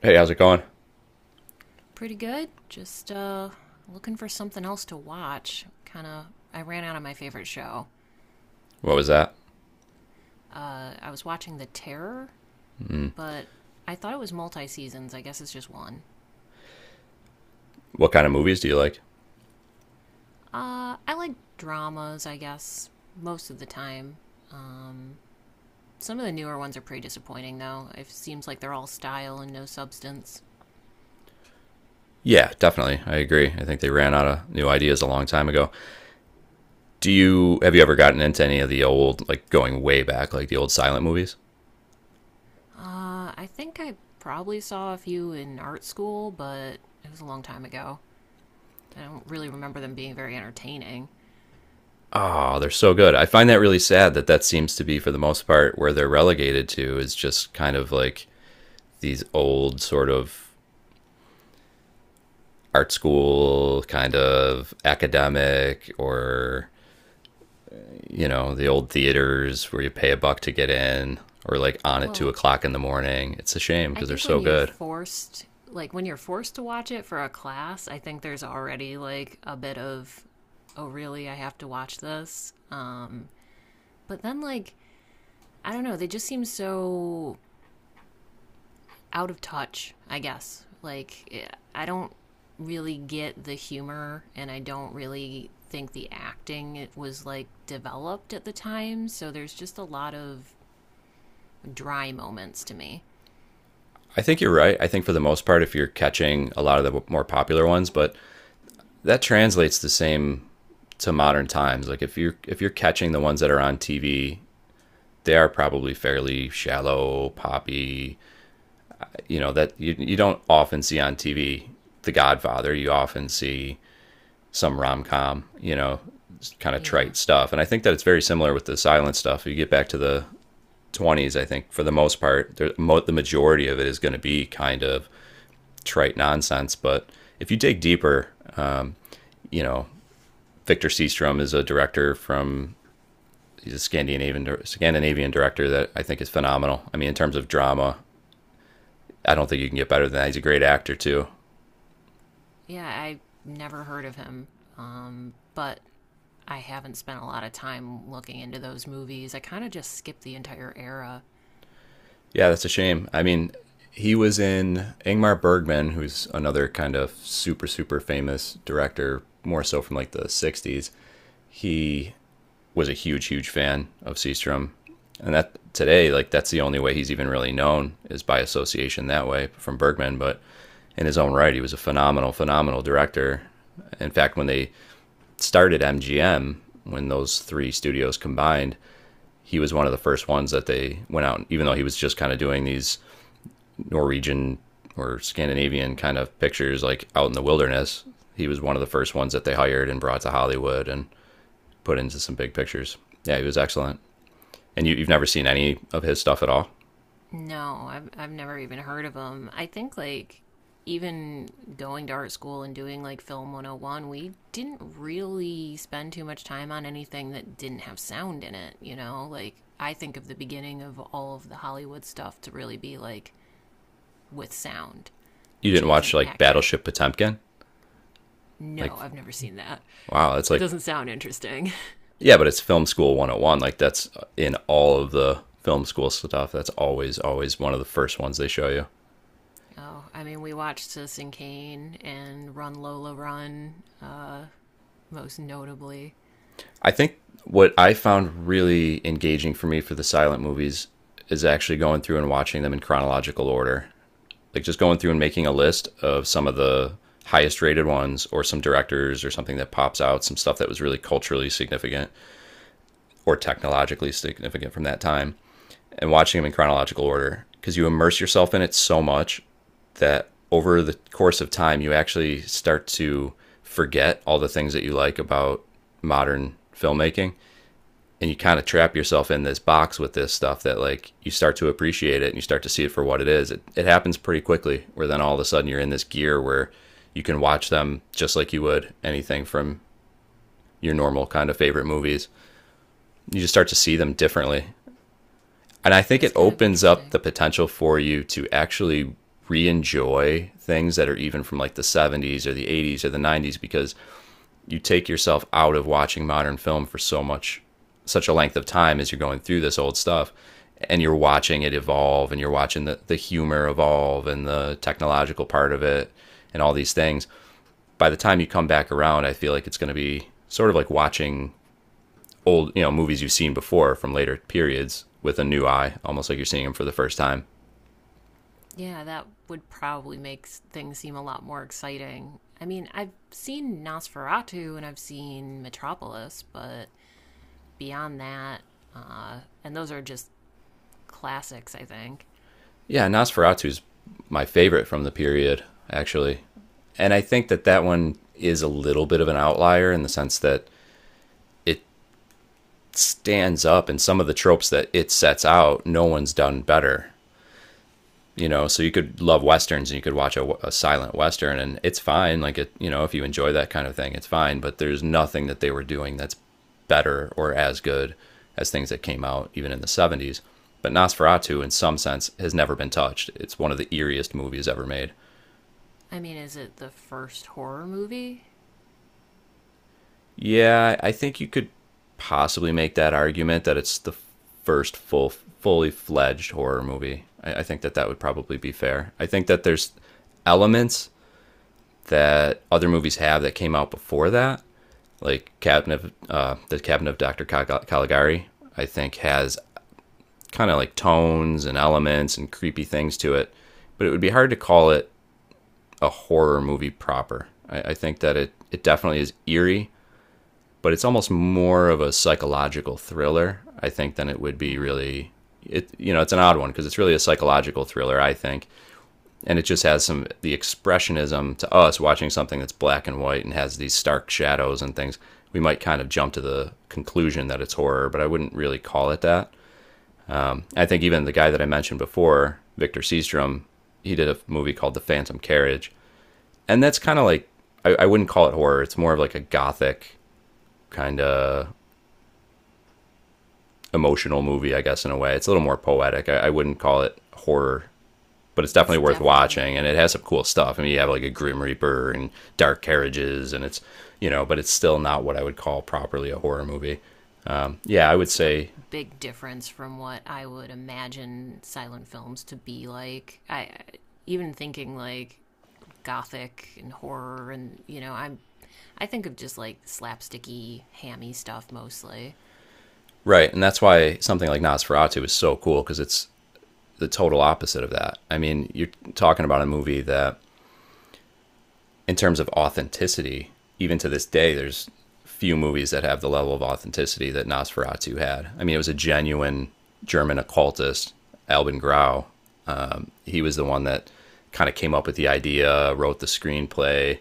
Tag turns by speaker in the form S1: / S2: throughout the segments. S1: Hey, how's it going?
S2: Pretty good. Just looking for something else to watch. Kind of, I ran out of my favorite show.
S1: What was that?
S2: I was watching The Terror, but I thought it was multi seasons. I guess it's just one.
S1: What kind of movies do you like?
S2: I like dramas, I guess, most of the time. Um, some of the newer ones are pretty disappointing, though. It seems like they're all style and no substance.
S1: Yeah, definitely. I agree. I think they ran out of new ideas a long time ago. Do you have you ever gotten into any of the old, like going way back, like the old silent movies?
S2: I think I probably saw a few in art school, but it was a long time ago. I don't really remember them being very entertaining.
S1: Oh, they're so good. I find that really sad that that seems to be, for the most part, where they're relegated to is just kind of like these old sort of art school kind of academic or, you know, the old theaters where you pay a buck to get in or like on at two
S2: Well,
S1: o'clock in the morning. It's a shame
S2: I
S1: because they're
S2: think when
S1: so
S2: you're
S1: good.
S2: forced, like when you're forced to watch it for a class, I think there's already like a bit of, oh, really, I have to watch this. But then, like, I don't know, they just seem so out of touch, I guess. Like, I don't really get the humor, and I don't really think the acting it was like developed at the time. So there's just a lot of dry moments to me.
S1: I think you're right. I think for the most part, if you're catching a lot of the more popular ones, but that translates the same to modern times. Like if you're catching the ones that are on TV, they are probably fairly shallow, poppy. You know that you don't often see on TV. The Godfather. You often see some rom com, you know, kind of
S2: Yeah.
S1: trite stuff. And I think that it's very similar with the silent stuff. You get back to the 20s, I think for the most part, the majority of it is going to be kind of trite nonsense. But if you dig deeper, you know, Victor Seastrom is a director from, he's a Scandinavian, Scandinavian director that I think is phenomenal. I mean, in terms of drama, I don't think you can get better than that. He's a great actor too.
S2: Yeah, I never heard of him, but I haven't spent a lot of time looking into those movies. I kind of just skipped the entire era.
S1: Yeah, that's a shame. I mean, he was in Ingmar Bergman, who's another kind of super, super famous director, more so from like the 60s. He was a huge, huge fan of Seastrom. And that today, like, that's the only way he's even really known is by association that way from Bergman. But in his own right, he was a phenomenal, phenomenal director. In fact, when they started MGM, when those three studios combined, he was one of the first ones that they went out, even though he was just kind of doing these Norwegian or Scandinavian kind of pictures, like out in the wilderness. He was one of the first ones that they hired and brought to Hollywood and put into some big pictures. Yeah, he was excellent. And you've never seen any of his stuff at all?
S2: No, I've never even heard of him. I think like even going to art school and doing like film 101, we didn't really spend too much time on anything that didn't have sound in it, like I think of the beginning of all of the Hollywood stuff to really be like with sound,
S1: You
S2: which
S1: didn't watch
S2: isn't
S1: like
S2: accurate.
S1: Battleship Potemkin? Like,
S2: No, I've never seen that.
S1: wow, that's
S2: It
S1: like,
S2: doesn't sound interesting.
S1: yeah, but it's film school 101. Like, that's in all of the film school stuff. That's always, always one of the first ones they show you.
S2: Oh, I mean, we watched Citizen Kane and Run Lola Run, uh, most notably.
S1: I think what I found really engaging for me for the silent movies is actually going through and watching them in chronological order. Like just going through and making a list of some of the highest rated ones or some directors or something that pops out, some stuff that was really culturally significant or technologically significant from that time, and watching them in chronological order because you immerse yourself in it so much that over the course of time, you actually start to forget all the things that you like about modern filmmaking, and you kind of trap yourself in this box with this stuff that, like, you start to appreciate it and you start to see it for what it is. It happens pretty quickly where then all of a sudden you're in this gear where you can watch them just like you would anything from your normal kind of favorite movies. You just start to see them differently. And I think it
S2: That's kind of
S1: opens up
S2: interesting.
S1: the potential for you to actually re enjoy things that are even from like the 70s or the 80s or the 90s because you take yourself out of watching modern film for so much, such a length of time, as you're going through this old stuff and you're watching it evolve and you're watching the humor evolve and the technological part of it and all these things. By the time you come back around, I feel like it's going to be sort of like watching old, you know, movies you've seen before from later periods with a new eye, almost like you're seeing them for the first time.
S2: Yeah, that would probably make things seem a lot more exciting. I mean, I've seen Nosferatu and I've seen Metropolis, but beyond that, and those are just classics, I think.
S1: Yeah, Nosferatu is my favorite from the period, actually. And I think that that one is a little bit of an outlier in the sense that it stands up and some of the tropes that it sets out, no one's done better. You know, so you could love westerns and you could watch a silent western and it's fine. Like it, you know, if you enjoy that kind of thing, it's fine. But there's nothing that they were doing that's better or as good as things that came out even in the 70s. But Nosferatu, in some sense, has never been touched. It's one of the eeriest movies ever made.
S2: I mean, is it the first horror movie?
S1: Yeah, I think you could possibly make that argument that it's the first full, fully fledged horror movie. I think that that would probably be fair. I think that there's elements that other movies have that came out before that, like the Cabinet of Dr. Caligari. I think has kind of like tones and elements and creepy things to it, but it would be hard to call it a horror movie proper. I think that it definitely is eerie, but it's almost more of a psychological thriller, I think, than it would be
S2: Hmm.
S1: really. It, you know, it's an odd one because it's really a psychological thriller, I think, and it just has some the expressionism to us watching something that's black and white and has these stark shadows and things. We might kind of jump to the conclusion that it's horror, but I wouldn't really call it that. I think even the guy that I mentioned before, Victor Seastrom, he did a movie called The Phantom Carriage, and that's kind of like, I wouldn't call it horror. It's more of like a gothic kind of emotional movie, I guess, in a way. It's a little more poetic. I wouldn't call it horror, but it's
S2: that's
S1: definitely worth watching. And
S2: definitely
S1: it has some cool stuff. I mean, you have like a Grim Reaper and dark carriages, and it's, you know, but it's still not what I would call properly a horror movie. Yeah, I would
S2: That's a
S1: say,
S2: big difference from what I would imagine silent films to be like. I even thinking like gothic and horror and I think of just like slapsticky, hammy stuff mostly.
S1: right. And that's why something like Nosferatu is so cool because it's the total opposite of that. I mean, you're talking about a movie that in terms of authenticity, even to this day, there's few movies that have the level of authenticity that Nosferatu had. I mean, it was a genuine German occultist, Alban Grau. He was the one that kind of came up with the idea, wrote the screenplay.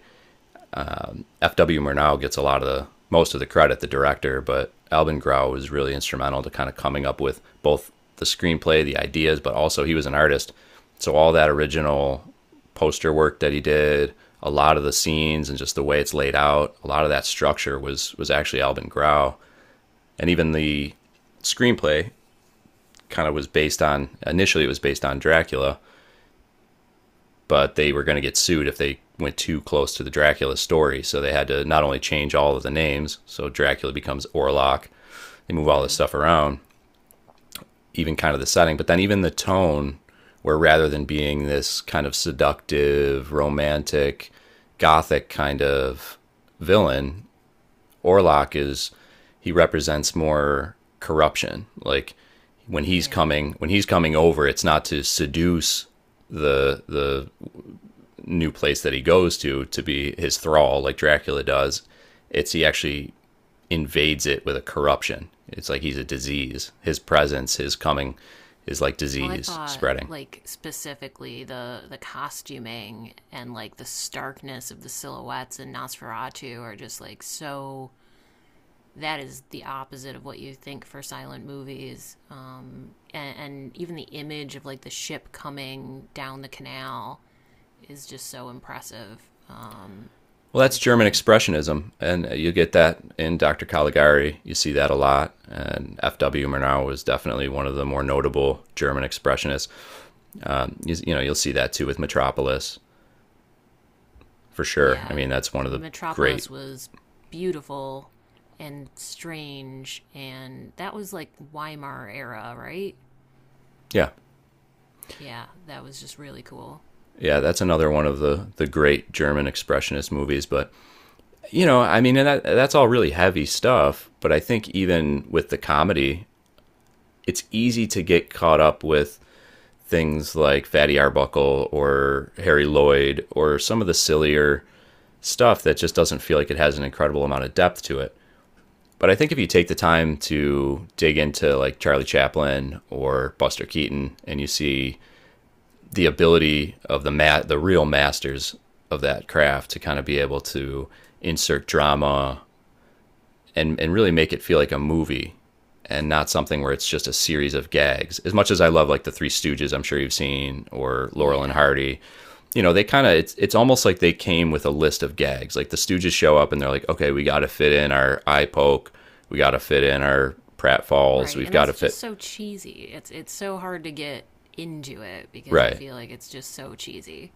S1: F.W. Murnau gets a lot of the most of the credit, the director, but Alvin Grau was really instrumental to kind of coming up with both the screenplay, the ideas, but also he was an artist. So all that original poster work that he did, a lot of the scenes and just the way it's laid out, a lot of that structure was actually Alvin Grau. And even the screenplay kind of was based on, initially it was based on Dracula, but they were going to get sued if they went too close to the Dracula story. So they had to not only change all of the names, so Dracula becomes Orlok. They move all this
S2: Mm,
S1: stuff around, even kind of the setting, but then even the tone, where rather than being this kind of seductive, romantic, gothic kind of villain, Orlok is, he represents more corruption. Like
S2: yeah.
S1: when he's coming over, it's not to seduce the new place that he goes to be his thrall, like Dracula does. It's he actually invades it with a corruption. It's like he's a disease. His presence, his coming, is like
S2: Well, I
S1: disease
S2: thought
S1: spreading.
S2: like specifically the costuming and like the starkness of the silhouettes in Nosferatu are just like so that is the opposite of what you think for silent movies. And even the image of like the ship coming down the canal is just so impressive um,
S1: Well,
S2: for
S1: that's
S2: the
S1: German
S2: time.
S1: expressionism, and you get that in Dr. Caligari. You see that a lot, and F.W. Murnau was definitely one of the more notable German expressionists. You know, you'll see that too with Metropolis for sure. I
S2: Yeah,
S1: mean, that's one of the great,
S2: Metropolis was beautiful and strange, and that was like Weimar era, right?
S1: yeah.
S2: Yeah, that was just really cool.
S1: Yeah, that's another one of the great German expressionist movies. But, you know, I mean, and that's all really heavy stuff. But I think even with the comedy, it's easy to get caught up with things like Fatty Arbuckle or Harry Lloyd or some of the sillier stuff that just doesn't feel like it has an incredible amount of depth to it. But I think if you take the time to dig into like Charlie Chaplin or Buster Keaton and you see the ability of the real masters of that craft to kind of be able to insert drama and really make it feel like a movie and not something where it's just a series of gags. As much as I love like the Three Stooges, I'm sure you've seen or Laurel and
S2: Yeah,
S1: Hardy, they kind of it's almost like they came with a list of gags. Like the Stooges show up and they're like, "Okay, we got to fit in our eye poke, we got to fit in our pratfalls,
S2: right,
S1: we've
S2: and
S1: got to
S2: that's just
S1: fit
S2: so cheesy. It's so hard to get into it because I
S1: right."
S2: feel like it's just so cheesy.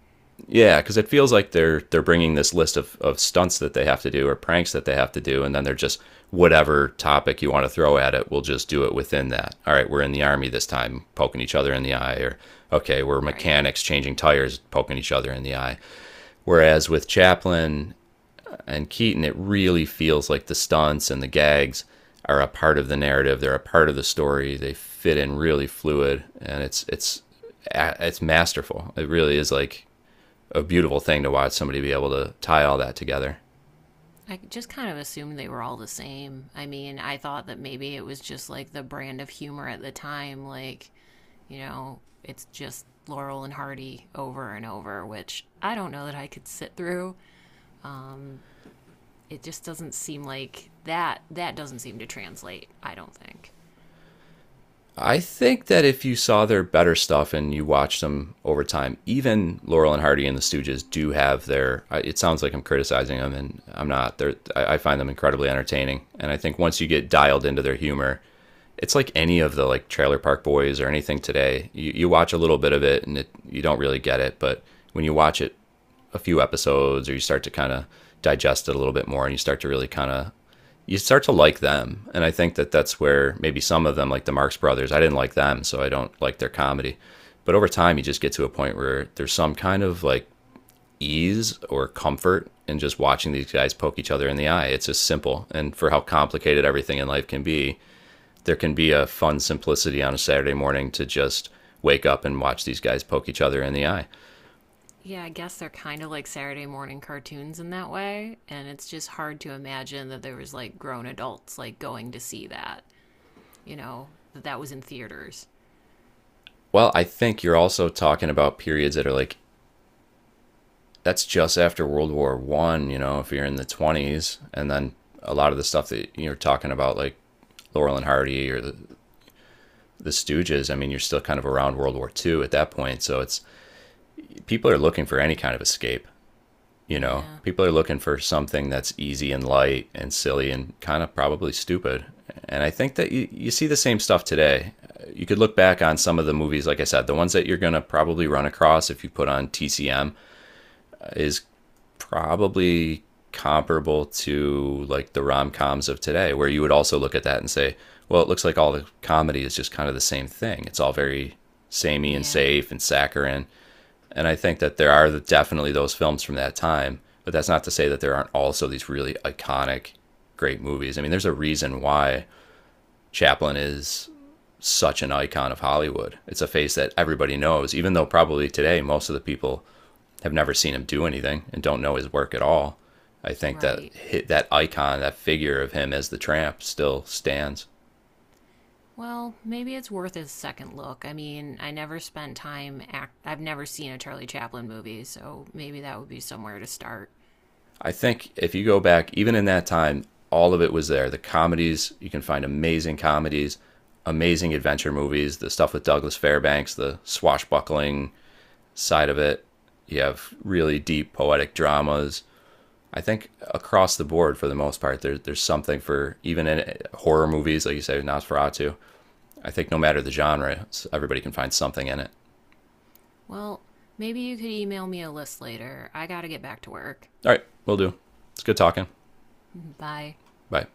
S1: Yeah, because it feels like they're bringing this list of stunts that they have to do or pranks that they have to do, and then they're just whatever topic you want to throw at it, we'll just do it within that. All right, we're in the army this time, poking each other in the eye, or okay, we're
S2: Right.
S1: mechanics changing tires, poking each other in the eye. Whereas with Chaplin and Keaton, it really feels like the stunts and the gags are a part of the narrative. They're a part of the story. They fit in really fluid, and it's masterful. It really is like a beautiful thing to watch somebody be able to tie all that together.
S2: I just kind of assumed they were all the same. I mean, I thought that maybe it was just like the brand of humor at the time, like, it's just Laurel and Hardy over and over, which I don't know that I could sit through. Um, it just doesn't seem like that that doesn't seem to translate, I don't think.
S1: I think that if you saw their better stuff and you watched them over time, even Laurel and Hardy and the Stooges do have their. It sounds like I'm criticizing them, and I'm not. They're, I find them incredibly entertaining, and I think once you get dialed into their humor, it's like any of the like Trailer Park Boys or anything today. You watch a little bit of it and it, you don't really get it, but when you watch it a few episodes or you start to kind of digest it a little bit more and you start to like them, and I think that that's where maybe some of them, like the Marx Brothers, I didn't like them, so I don't like their comedy. But over time, you just get to a point where there's some kind of like ease or comfort in just watching these guys poke each other in the eye. It's just simple, and for how complicated everything in life can be, there can be a fun simplicity on a Saturday morning to just wake up and watch these guys poke each other in the eye.
S2: Yeah, I guess they're kind of like Saturday morning cartoons in that way, and it's just hard to imagine that there was like grown adults like going to see that, that that was in theaters.
S1: Well, I think you're also talking about periods that are like that's just after World War I. You know, if you're in the 20s, and then a lot of the stuff that you're talking about, like Laurel and Hardy or the Stooges. I mean, you're still kind of around World War II at that point, so it's people are looking for any kind of escape. You know,
S2: Yeah.
S1: people are looking for something that's easy and light and silly and kind of probably stupid. And I think that you see the same stuff today. You could look back on some of the movies, like I said, the ones that you're going to probably run across if you put on TCM is probably comparable to like the rom coms of today, where you would also look at that and say, well, it looks like all the comedy is just kind of the same thing. It's all very samey and
S2: Yeah,
S1: safe and saccharine. And I think that there are definitely those films from that time, but that's not to say that there aren't also these really iconic, great movies. I mean, there's a reason why Chaplin is such an icon of Hollywood. It's a face that everybody knows, even though probably today most of the people have never seen him do anything and don't know his work at all. I think that
S2: right.
S1: that icon, that figure of him as the tramp, still stands.
S2: Well, maybe it's worth a second look. I mean, I never spent time act I've never seen a Charlie Chaplin movie, so maybe that would be somewhere to start.
S1: I think if you go back, even in that time, all of it was there. The comedies, you can find amazing comedies, amazing adventure movies, the stuff with Douglas Fairbanks, the swashbuckling side of it. You have really deep poetic dramas. I think across the board, for the most part, there's something for even in horror movies, like you say, Nosferatu. I think no matter the genre, everybody can find something in it.
S2: Well, maybe you could email me a list later. I got to get back to work.
S1: All right, we'll do. It's good talking.
S2: Bye.
S1: Bye.